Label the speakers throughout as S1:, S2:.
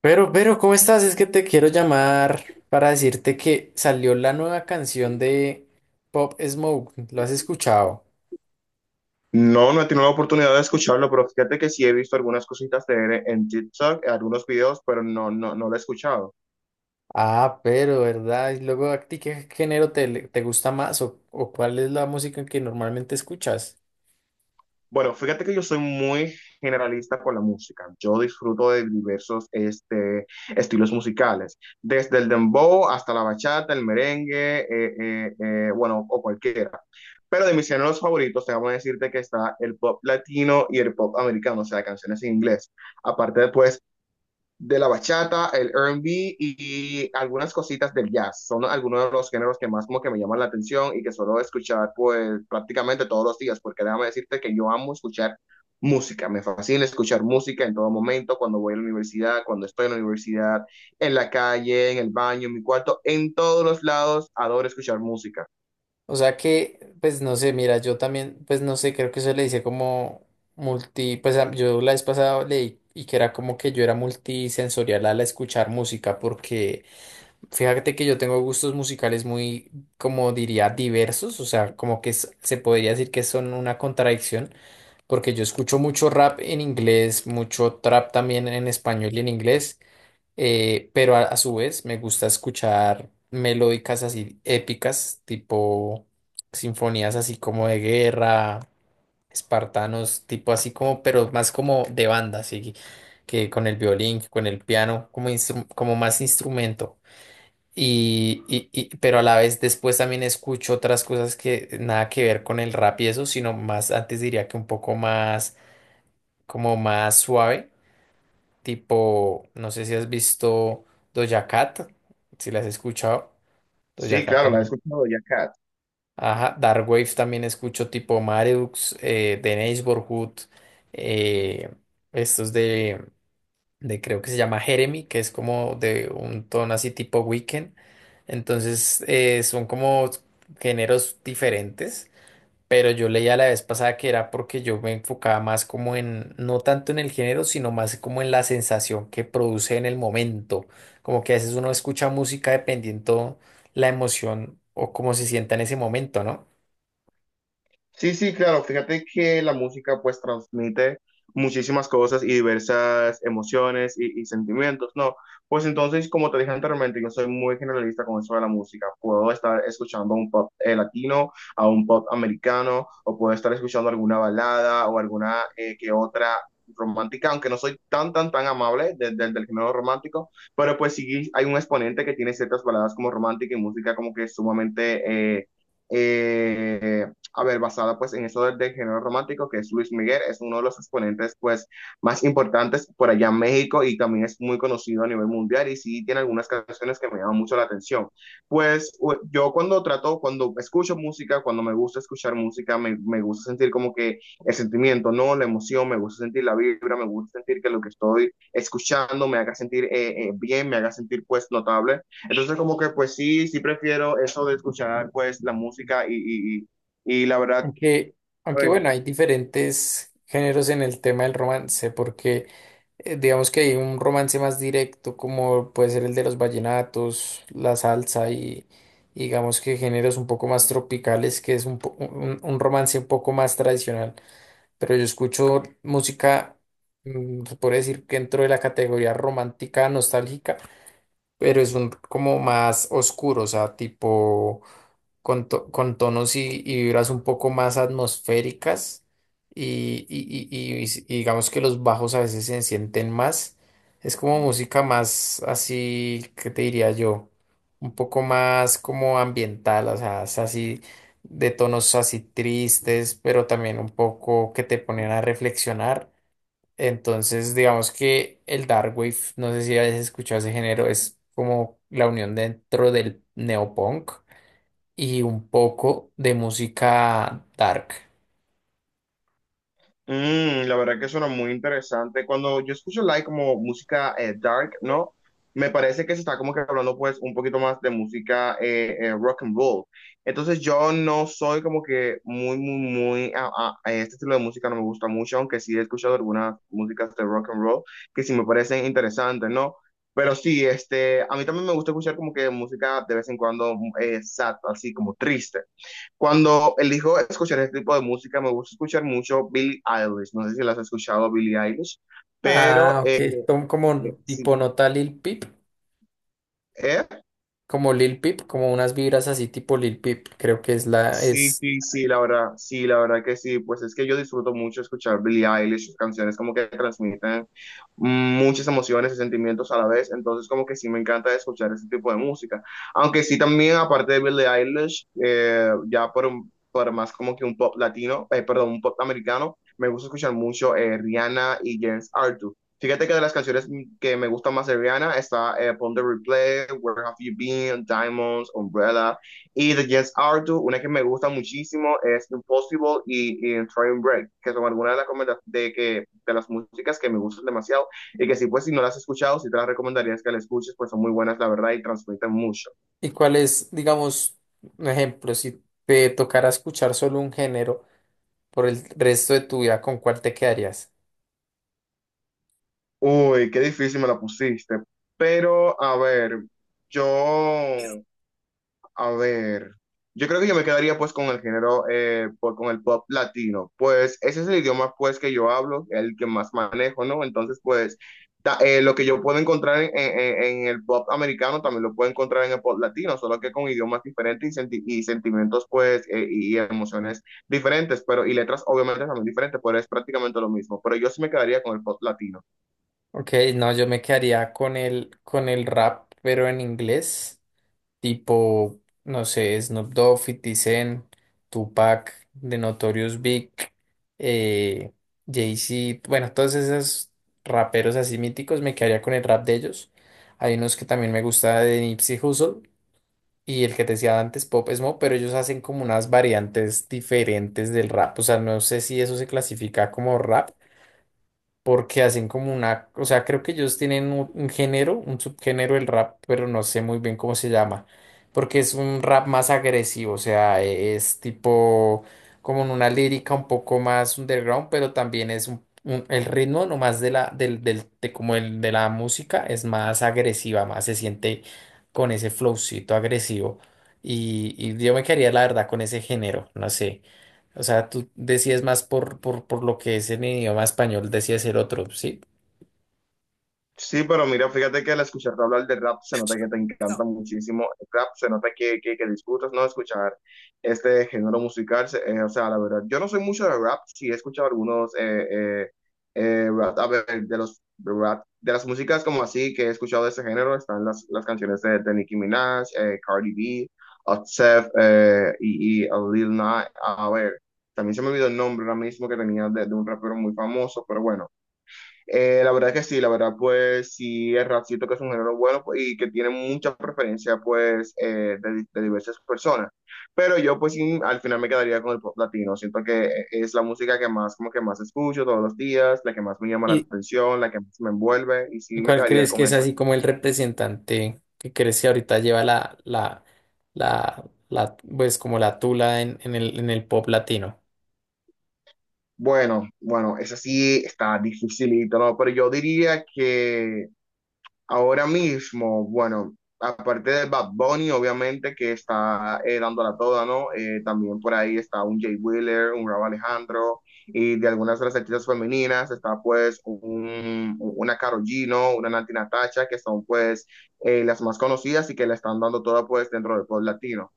S1: Pero, ¿cómo estás? Es que te quiero llamar para decirte que salió la nueva canción de Pop Smoke. ¿Lo has escuchado?
S2: No, no he tenido la oportunidad de escucharlo, pero fíjate que sí he visto algunas cositas de él en TikTok, algunos videos, pero no lo he escuchado.
S1: Ah, pero, ¿verdad? Y luego, ¿a ti qué género te gusta más o cuál es la música que normalmente escuchas?
S2: Bueno, fíjate que yo soy muy generalista con la música. Yo disfruto de diversos estilos musicales, desde el dembow hasta la bachata, el merengue, bueno, o cualquiera. Pero de mis géneros favoritos, te voy a decirte que está el pop latino y el pop americano, o sea, canciones en inglés. Aparte, después de la bachata, el R&B y algunas cositas del jazz. Son algunos de los géneros que más como que me llaman la atención y que suelo escuchar pues prácticamente todos los días, porque déjame decirte que yo amo escuchar música, me fascina escuchar música en todo momento, cuando voy a la universidad, cuando estoy en la universidad, en la calle, en el baño, en mi cuarto, en todos los lados, adoro escuchar música.
S1: O sea que, pues no sé, mira, yo también, pues no sé, creo que eso le dice como yo la vez pasada leí y que era como que yo era multisensorial al escuchar música porque... Fíjate que yo tengo gustos musicales muy, como diría, diversos, o sea, como que se podría decir que son una contradicción, porque yo escucho mucho rap en inglés, mucho trap también en español y en inglés, pero a su vez me gusta escuchar melódicas así épicas, tipo sinfonías así como de guerra, espartanos, tipo así como, pero más como de banda, así que con el violín, con el piano, como más instrumento. Pero a la vez después también escucho otras cosas que nada que ver con el rap y eso, sino más, antes diría que un poco más, como más suave, tipo, no sé si has visto Doja Cat, si las has escuchado, Doja
S2: Sí,
S1: Cat
S2: claro, la he
S1: también.
S2: escuchado ya, Kat.
S1: Ajá, Dark Wave también escucho tipo Mareux, The Neighborhood, eh, estos de creo que se llama Jeremy, que es como de un tono así tipo Weekend. Entonces son como géneros diferentes, pero yo leía la vez pasada que era porque yo me enfocaba más como en, no tanto en el género, sino más como en la sensación que produce en el momento. Como que a veces uno escucha música dependiendo la emoción o cómo se sienta en ese momento, ¿no?
S2: Sí, sí, claro. Fíjate que la música pues transmite muchísimas cosas y diversas emociones y sentimientos, ¿no? Pues entonces, como te dije anteriormente, yo soy muy generalista con eso de la música. Puedo estar escuchando un pop latino, a un pop americano, o puedo estar escuchando alguna balada o alguna que otra romántica, aunque no soy tan, tan, tan amable del género romántico, pero pues sí hay un exponente que tiene ciertas baladas como romántica y música como que sumamente... eh, a ver, basada pues en eso del género romántico, que es Luis Miguel, es uno de los exponentes pues más importantes por allá en México y también es muy conocido a nivel mundial y sí tiene algunas canciones que me llaman mucho la atención. Pues yo cuando trato, cuando escucho música, cuando me gusta escuchar música, me gusta sentir como que el sentimiento, ¿no? La emoción, me gusta sentir la vibra, me gusta sentir que lo que estoy escuchando me haga sentir bien, me haga sentir pues notable. Entonces como que pues sí, sí prefiero eso de escuchar pues la música y la verdad,
S1: Aunque, aunque
S2: pues,
S1: bueno, hay diferentes géneros en el tema del romance, porque digamos que hay un romance más directo, como puede ser el de los vallenatos, la salsa y digamos que géneros un poco más tropicales, que es un romance un poco más tradicional. Pero yo escucho música, mm, se puede decir que dentro de la categoría romántica nostálgica, pero es un como más oscuro, o sea, tipo con tonos y vibras un poco más atmosféricas y, y- y- y- y digamos que los bajos a veces se sienten más. Es como música más así, ¿qué te diría yo? Un poco más como ambiental, o sea, es así de tonos así tristes, pero también un poco que te ponen a reflexionar. Entonces, digamos que el dark wave, no sé si hayas escuchado ese género, es como la unión dentro del neopunk y un poco de música dark.
S2: la verdad que suena muy interesante. Cuando yo escucho like como música dark, ¿no? Me parece que se está como que hablando pues un poquito más de música rock and roll. Entonces yo no soy como que muy, muy, muy, a este estilo de música no me gusta mucho, aunque sí he escuchado algunas músicas de rock and roll que sí me parecen interesantes, ¿no? Pero sí, este, a mí también me gusta escuchar como que música de vez en cuando sad, así como triste. Cuando elijo escuchar este tipo de música, me gusta escuchar mucho Billie Eilish. No sé si las has escuchado, Billie Eilish, pero
S1: Ah, ok, son como
S2: sí,
S1: tipo nota
S2: ¿eh?
S1: Lil Peep, como unas vibras así tipo Lil Peep, creo que
S2: Sí,
S1: es,
S2: sí, sí, la verdad que sí, pues es que yo disfruto mucho escuchar Billie Eilish, sus canciones como que transmiten muchas emociones y sentimientos a la vez, entonces como que sí me encanta escuchar ese tipo de música, aunque sí también aparte de Billie Eilish, ya por más como que un pop latino, perdón, un pop americano, me gusta escuchar mucho Rihanna y James Arthur. Fíjate que de las canciones que me gustan más de Rihanna está Pon de Replay, Where Have You Been, Diamonds, Umbrella. Y de Jess Arthur, una que me gusta muchísimo es Impossible y Train Break, que son algunas de de las músicas que me gustan demasiado y que sí, pues si no las has escuchado, sí te las recomendaría que las escuches, pues son muy buenas, la verdad, y transmiten mucho.
S1: y cuál es, digamos, un ejemplo, si te tocara escuchar solo un género por el resto de tu vida, ¿con cuál te quedarías?
S2: Uy, qué difícil me la pusiste. Pero, a ver, yo A ver, yo creo que yo me quedaría pues con el género, con el pop latino, pues ese es el idioma pues que yo hablo, el que más manejo, ¿no? Entonces pues lo que yo puedo encontrar en el pop americano también lo puedo encontrar en el pop latino, solo que con idiomas diferentes y sentimientos pues y emociones diferentes, pero y letras obviamente también diferentes, pero es prácticamente lo mismo, pero yo sí me quedaría con el pop latino.
S1: Ok, no, yo me quedaría con el rap, pero en inglés. Tipo, no sé, Snoop Dogg, 50 Cent, Tupac, The Notorious Big, eh, Jay-Z, bueno, todos esos raperos así míticos, me quedaría con el rap de ellos. Hay unos que también me gusta de Nipsey Hussle y el que te decía antes, Pop Smoke, pero ellos hacen como unas variantes diferentes del rap, o sea, no sé si eso se clasifica como rap porque hacen como una, o sea, creo que ellos tienen un género, un subgénero del rap, pero no sé muy bien cómo se llama, porque es un rap más agresivo, o sea, es tipo como en una lírica un poco más underground, pero también es el ritmo nomás de de como el de la música es más agresiva, más se siente con ese flowcito agresivo. Y yo me quedaría, la verdad, con ese género, no sé. O sea, tú decías más por lo que es en el idioma español, decías el otro, ¿sí?
S2: Sí, pero mira, fíjate que al escucharte hablar de rap se nota que te encanta muchísimo el rap, se nota que disfrutas, ¿no? Escuchar este género musical, o sea, la verdad, yo no soy mucho de rap, sí he escuchado algunos rap, a ver, de los rap, de las músicas como así que he escuchado de ese género, están las canciones de Nicki Minaj, Cardi B, Offset y Lil Nas, a ver, también se me olvidó el nombre ahora mismo que tenía de un rapero muy famoso, pero bueno. La verdad que sí, la verdad pues sí, el rap siento que es un género bueno pues, y que tiene mucha preferencia pues de diversas personas. Pero yo pues sí, al final me quedaría con el pop latino. Siento que es la música que más como que más escucho todos los días, la que más me llama la
S1: ¿Y,
S2: atención, la que más me envuelve y sí
S1: y
S2: me
S1: cuál
S2: quedaría
S1: crees que
S2: con
S1: es
S2: eso.
S1: así como el representante que crees que ahorita lleva pues como la tula en el pop latino?
S2: Bueno, bueno, esa sí está dificilito, ¿no? Pero yo diría que ahora mismo, bueno, aparte de Bad Bunny, obviamente, que está dándola toda, ¿no? También por ahí está un Jay Wheeler, un Rauw Alejandro, y de algunas de las artistas femeninas está pues una Karol G, ¿no? Una Nati Natasha, que son pues las más conocidas y que la están dando toda pues dentro del pop latino.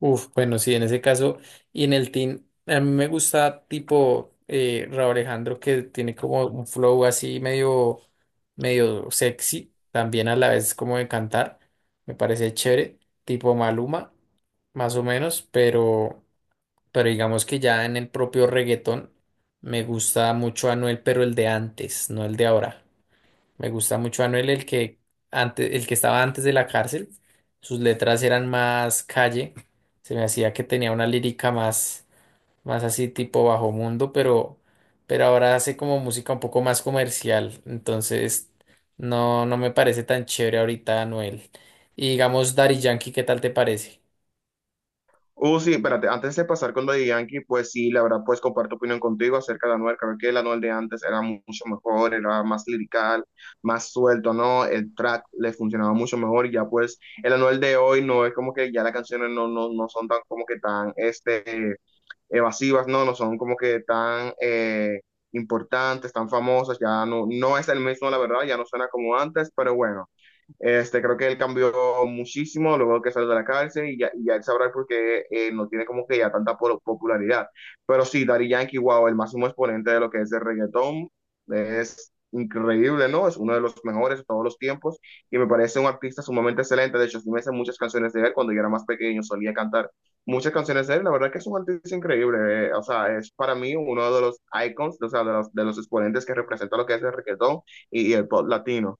S1: Uf, bueno, sí, en ese caso, y en el team, a mí me gusta tipo Raúl Alejandro que tiene como un flow así medio, medio sexy, también a la vez como de cantar, me parece chévere, tipo Maluma, más o menos, pero digamos que ya en el propio reggaetón me gusta mucho Anuel, pero el de antes, no el de ahora. Me gusta mucho Anuel, el que antes, el que estaba antes de la cárcel. Sus letras eran más calle. Se me hacía que tenía una lírica más, más así tipo bajo mundo, pero ahora hace como música un poco más comercial. Entonces, no me parece tan chévere ahorita Anuel. Y digamos, Daddy Yankee, ¿qué tal te parece?
S2: Sí, espérate, antes de pasar con lo de Yankee, pues sí, la verdad, pues comparto opinión contigo acerca de Anuel, creo que el Anuel de antes era mucho mejor, era más lirical, más suelto, ¿no? El track le funcionaba mucho mejor, ya pues el Anuel de hoy no es como que ya las canciones no son tan como que tan, este, evasivas, ¿no? No son como que tan importantes, tan famosas, ya no es el mismo, la verdad, ya no suena como antes, pero bueno. Este, creo que él cambió muchísimo luego que salió de la cárcel y ya él sabrá por qué no tiene como que ya tanta popularidad. Pero sí, Daddy Yankee, wow, el máximo exponente de lo que es el reggaetón, es increíble, ¿no? Es uno de los mejores de todos los tiempos y me parece un artista sumamente excelente. De hecho, sí me sé muchas canciones de él cuando yo era más pequeño, solía cantar muchas canciones de él. La verdad que es un artista increíble, o sea, es para mí uno de los icons, o sea, de de los exponentes que representa lo que es el reggaetón y el pop latino.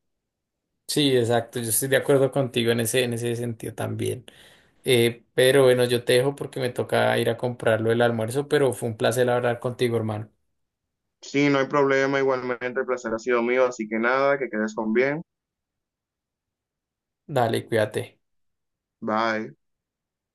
S1: Sí, exacto. Yo estoy de acuerdo contigo en ese sentido también. Pero bueno, yo te dejo porque me toca ir a comprarlo el almuerzo, pero fue un placer hablar contigo, hermano.
S2: Sí, no hay problema, igualmente el placer ha sido mío, así que nada, que quedes con bien.
S1: Dale, cuídate.
S2: Bye.